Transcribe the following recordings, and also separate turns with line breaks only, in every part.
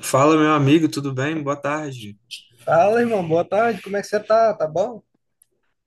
Fala, meu amigo, tudo bem? Boa tarde.
Fala, irmão, boa tarde. Como é que você tá? Tá bom?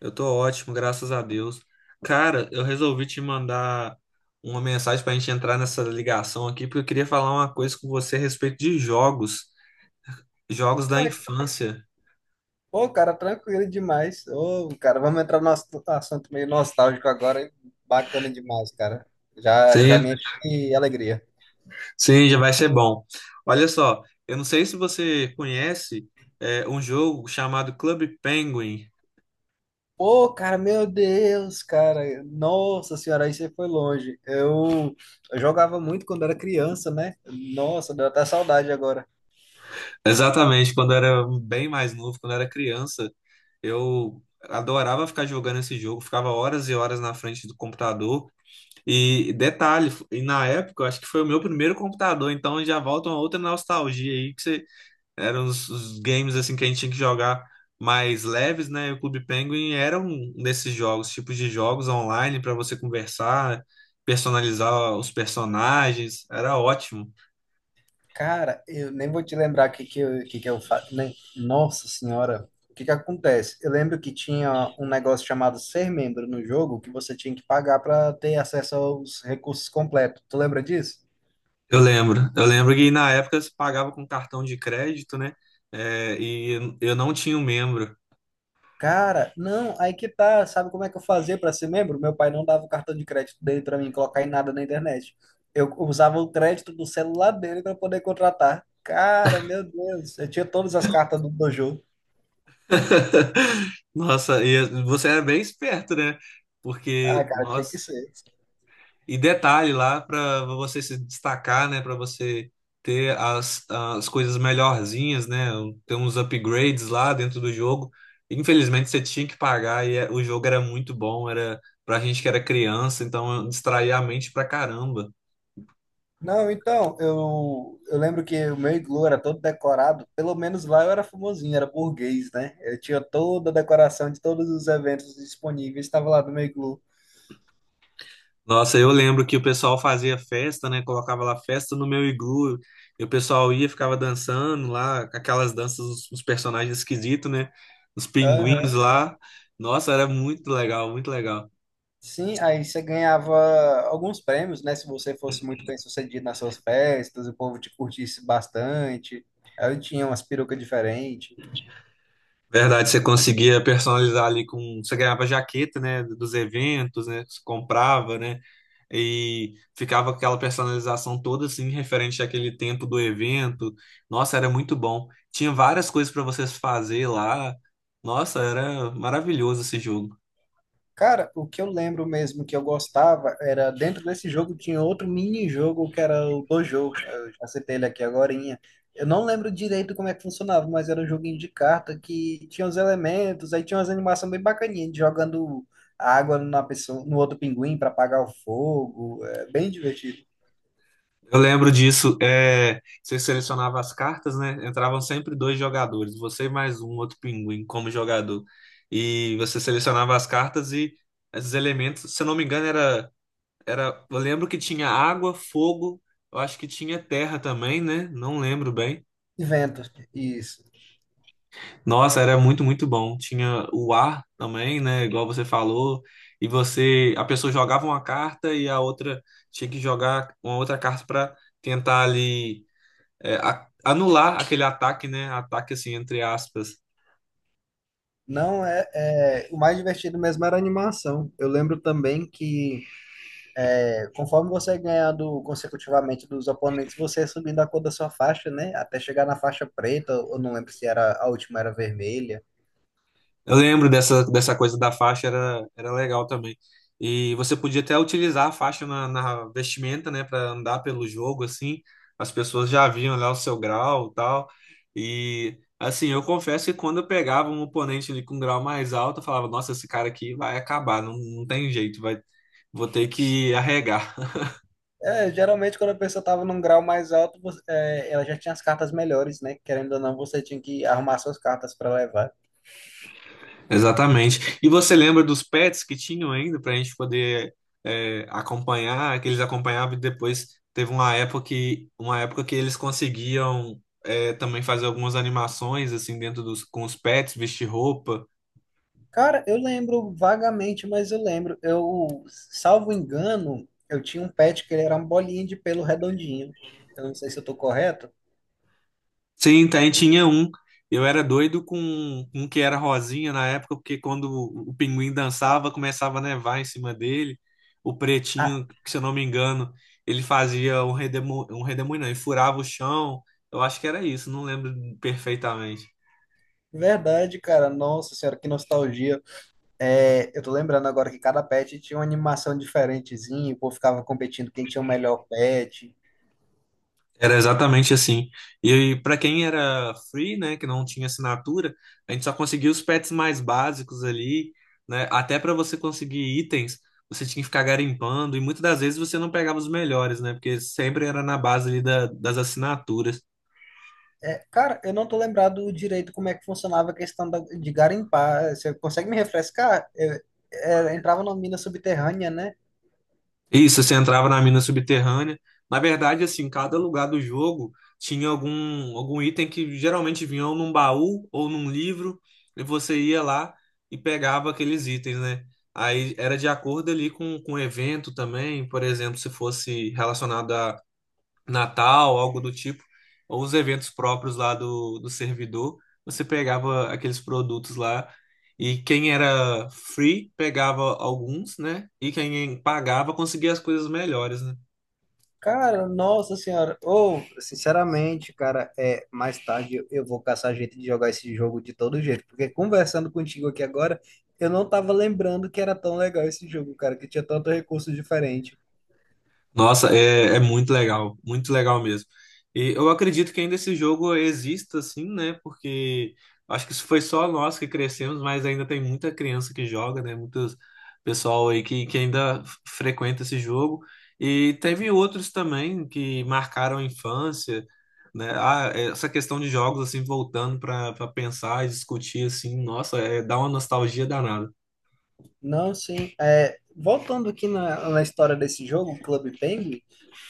Eu tô ótimo, graças a Deus. Cara, eu resolvi te mandar uma mensagem pra gente entrar nessa ligação aqui, porque eu queria falar uma coisa com você a respeito de jogos, jogos da
Ué,
infância.
Pô, cara, tranquilo demais. Ô, cara, vamos entrar no nosso assunto meio nostálgico agora, hein? Bacana demais, cara. Já, já
Sim,
me enche de alegria.
sim, já vai ser bom. Olha só, eu não sei se você conhece, um jogo chamado Club Penguin.
Pô, cara, meu Deus, cara. Nossa senhora, aí você foi longe. Eu jogava muito quando era criança, né? Nossa, deu até saudade agora.
Exatamente, quando eu era bem mais novo, quando eu era criança, eu adorava ficar jogando esse jogo, ficava horas e horas na frente do computador. E detalhe, e na época eu acho que foi o meu primeiro computador, então já volta uma outra nostalgia aí, que você, eram os games assim que a gente tinha que jogar mais leves, né? E o Clube Penguin era um desses jogos, tipos de jogos online para você conversar, personalizar os personagens, era ótimo.
Cara, eu nem vou te lembrar o que que eu faço. Nossa senhora, o que que acontece? Eu lembro que tinha um negócio chamado ser membro no jogo que você tinha que pagar para ter acesso aos recursos completos. Tu lembra disso?
Eu lembro que na época você pagava com cartão de crédito, né? É, e eu não tinha um membro.
Cara, não, aí que tá. Sabe como é que eu fazia para ser membro? Meu pai não dava o cartão de crédito dele para mim colocar em nada na internet. Eu usava o crédito do celular dele para poder contratar. Cara, meu Deus, eu tinha todas as cartas do jogo.
Nossa, e você era bem esperto, né?
Ah,
Porque,
cara, tinha que
nossa,
ser.
e detalhe lá para você se destacar, né? Para você ter as coisas melhorzinhas, né? Ter uns upgrades lá dentro do jogo. Infelizmente você tinha que pagar e o jogo era muito bom, era pra gente que era criança, então distraía a mente pra caramba.
Não, então, eu lembro que o meu iglu era todo decorado, pelo menos lá eu era famosinho, era burguês, né? Eu tinha toda a decoração de todos os eventos disponíveis, estava lá no meu iglu.
Nossa, eu lembro que o pessoal fazia festa, né? Colocava lá festa no meu iglu, e o pessoal ia, ficava dançando lá, com aquelas danças, os personagens esquisitos, né? Os pinguins
Aham.
lá. Nossa, era muito legal, muito legal.
Sim, aí você ganhava alguns prêmios, né? Se você fosse muito bem sucedido nas suas festas, o povo te curtisse bastante. Aí eu tinha umas perucas diferentes.
Verdade, você conseguia personalizar ali com. Você ganhava jaqueta, né? Dos eventos, né? Você comprava, né? E ficava aquela personalização toda assim, referente àquele tempo do evento. Nossa, era muito bom. Tinha várias coisas para vocês fazer lá. Nossa, era maravilhoso esse jogo.
Cara, o que eu lembro mesmo que eu gostava era dentro desse jogo tinha outro mini-jogo que era o Dojo. Eu já citei ele aqui agorinha. Eu não lembro direito como é que funcionava, mas era um joguinho de carta que tinha os elementos, aí tinha umas animações bem bacaninhas, de jogando água na pessoa, no outro pinguim para apagar o fogo. É bem divertido.
Eu lembro disso. É... Você selecionava as cartas, né? Entravam sempre dois jogadores, você e mais um outro pinguim como jogador. E você selecionava as cartas e esses elementos, se eu não me engano, era. Era, eu lembro que tinha água, fogo, eu acho que tinha terra também, né? Não lembro bem.
Inventos, isso.
Nossa, era muito, muito bom. Tinha o ar também, né? Igual você falou. E você, a pessoa jogava uma carta e a outra tinha que jogar uma outra carta para tentar ali, anular aquele ataque, né? Ataque assim, entre aspas.
Não é, o mais divertido mesmo era a animação. Eu lembro também que conforme você é ganhando consecutivamente dos oponentes, você é subindo a cor da sua faixa, né? Até chegar na faixa preta, eu não lembro se era a última era vermelha.
Eu lembro dessa, dessa coisa da faixa, era, era legal também. E você podia até utilizar a faixa na vestimenta, né, para andar pelo jogo, assim. As pessoas já viam lá o seu grau e tal. E, assim, eu confesso que quando eu pegava um oponente ali com um grau mais alto, eu falava: "Nossa, esse cara aqui vai acabar, não, não tem jeito, vai, vou ter que arregar."
É, geralmente quando a pessoa estava num grau mais alto, ela já tinha as cartas melhores, né? Querendo ou não, você tinha que arrumar suas cartas para levar.
Exatamente. E você lembra dos pets que tinham ainda para a gente poder acompanhar, que eles acompanhavam e depois teve uma época que eles conseguiam também fazer algumas animações assim dentro dos com os pets, vestir roupa.
Cara, eu lembro vagamente, mas eu lembro. Salvo engano, eu tinha um pet que ele era uma bolinha de pelo redondinho. Eu não sei se eu tô correto.
Sim, tem, tinha um. Eu era doido com um que era rosinha na época, porque quando o pinguim dançava, começava a nevar em cima dele. O
Ah,
pretinho, que, se eu não me engano, ele fazia um redemoinho, não, ele furava o chão. Eu acho que era isso, não lembro perfeitamente.
verdade, cara. Nossa senhora, que nostalgia. É, eu tô lembrando agora que cada pet tinha uma animação diferentezinha, o povo ficava competindo quem tinha o melhor pet.
Era exatamente assim. E para quem era free, né, que não tinha assinatura, a gente só conseguia os pets mais básicos ali, né? Até para você conseguir itens, você tinha que ficar garimpando e muitas das vezes você não pegava os melhores, né? Porque sempre era na base ali das assinaturas.
É, cara, eu não tô lembrado direito como é que funcionava a questão de garimpar. Você consegue me refrescar? Entrava numa mina subterrânea, né?
Isso, você entrava na mina subterrânea. Na verdade, assim, cada lugar do jogo tinha algum item que geralmente vinha ou num baú ou num livro, e você ia lá e pegava aqueles itens, né? Aí era de acordo ali com o evento também, por exemplo, se fosse relacionado Natal, algo do tipo, ou os eventos próprios lá do servidor, você pegava aqueles produtos lá e quem era free pegava alguns, né? E quem pagava conseguia as coisas melhores, né?
Cara, nossa senhora. Ou, sinceramente, cara, é, mais tarde eu vou caçar jeito de jogar esse jogo de todo jeito, porque conversando contigo aqui agora, eu não tava lembrando que era tão legal esse jogo, cara, que tinha tanto recurso diferente.
Nossa, é, é muito legal mesmo. E eu acredito que ainda esse jogo exista, assim, né? Porque acho que isso foi só nós que crescemos, mas ainda tem muita criança que joga, né? Muitos pessoal aí que ainda frequenta esse jogo. E teve outros também que marcaram a infância, né? Ah, essa questão de jogos, assim, voltando para pensar e discutir, assim, nossa, é, dá uma nostalgia danada.
Não, sim. É, voltando aqui na história desse jogo, Club Penguin,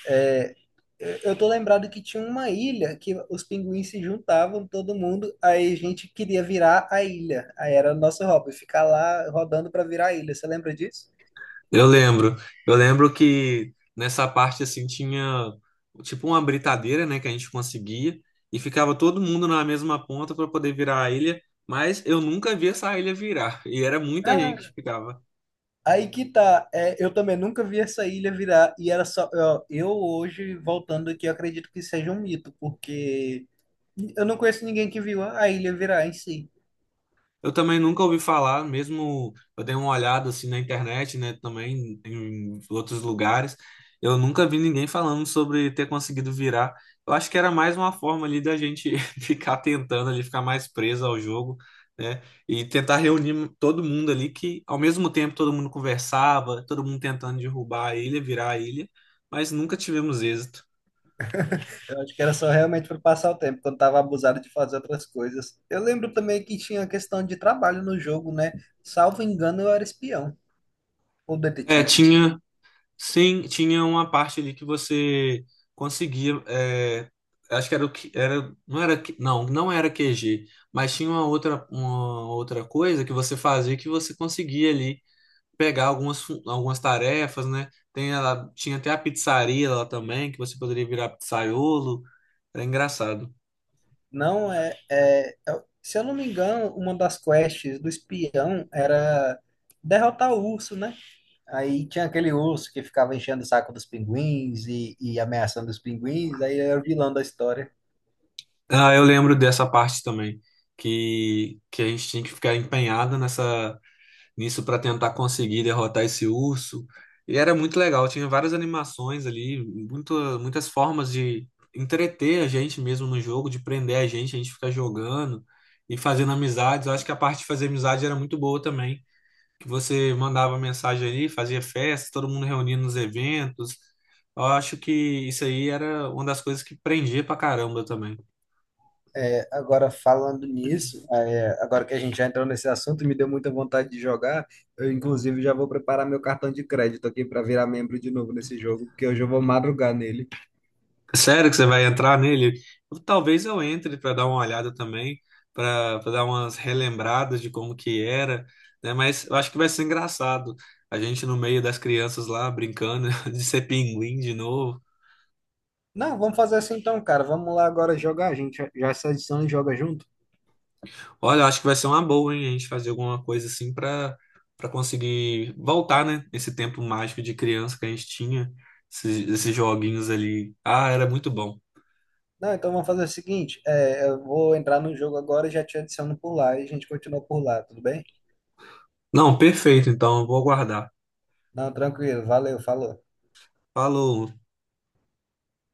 é, eu tô lembrado que tinha uma ilha que os pinguins se juntavam, todo mundo, aí a gente queria virar a ilha. Aí era o nosso hobby, ficar lá rodando para virar a ilha. Você lembra disso?
Eu lembro, eu lembro que nessa parte assim tinha tipo uma britadeira, né, que a gente conseguia e ficava todo mundo na mesma ponta para poder virar a ilha, mas eu nunca vi essa ilha virar e era muita gente
Ah,
que ficava.
aí que tá, é, eu também nunca vi essa ilha virar, e era só. Ó, eu hoje, voltando aqui, eu acredito que seja um mito, porque eu não conheço ninguém que viu a ilha virar em si.
Eu também nunca ouvi falar, mesmo eu dei uma olhada assim na internet, né, também em outros lugares. Eu nunca vi ninguém falando sobre ter conseguido virar. Eu acho que era mais uma forma ali da gente ficar tentando ali, ficar mais preso ao jogo, né? E tentar reunir todo mundo ali que ao mesmo tempo todo mundo conversava, todo mundo tentando derrubar a ilha, virar a ilha, mas nunca tivemos êxito.
Eu acho que era só realmente para passar o tempo, quando tava abusado de fazer outras coisas. Eu lembro também que tinha a questão de trabalho no jogo, né? Salvo engano, eu era espião, ou
É,
detetive.
tinha sim, tinha uma parte ali que você conseguia. Acho que era o que era, não era, não era QG, mas tinha uma outra coisa que você fazia que você conseguia ali pegar algumas, algumas tarefas, né? Tem ela, tinha até a pizzaria lá também, que você poderia virar pizzaiolo. Era engraçado.
Não é. Se eu não me engano, uma das quests do espião era derrotar o urso, né? Aí tinha aquele urso que ficava enchendo o saco dos pinguins e ameaçando os pinguins, aí era o vilão da história.
Ah, eu lembro dessa parte também, que a gente tinha que ficar empenhada nessa. Nisso para tentar conseguir derrotar esse urso. E era muito legal, tinha várias animações ali, muito, muitas formas de entreter a gente mesmo no jogo, de prender a gente ficar jogando e fazendo amizades. Eu acho que a parte de fazer amizade era muito boa também, que você mandava mensagem ali, fazia festa, todo mundo reunindo nos eventos. Eu acho que isso aí era uma das coisas que prendia pra caramba também.
É, agora, falando nisso, é, agora que a gente já entrou nesse assunto, me deu muita vontade de jogar. Eu, inclusive, já vou preparar meu cartão de crédito aqui para virar membro de novo nesse jogo, porque hoje eu vou madrugar nele.
Sério que você vai entrar nele? Talvez eu entre para dar uma olhada também, para dar umas relembradas de como que era, né? Mas eu acho que vai ser engraçado. A gente no meio das crianças lá brincando de ser pinguim de novo.
Não, vamos fazer assim então, cara. Vamos lá agora jogar. A gente já já se adiciona e joga junto.
Olha, eu acho que vai ser uma boa, hein? A gente fazer alguma coisa assim para conseguir voltar, né? Esse tempo mágico de criança que a gente tinha, esses, esses joguinhos ali. Ah, era muito bom.
Não, então vamos fazer o seguinte: é, eu vou entrar no jogo agora e já te adiciono por lá e a gente continua por lá, tudo bem?
Não, perfeito. Então, eu vou aguardar.
Não, tranquilo. Valeu, falou.
Falou.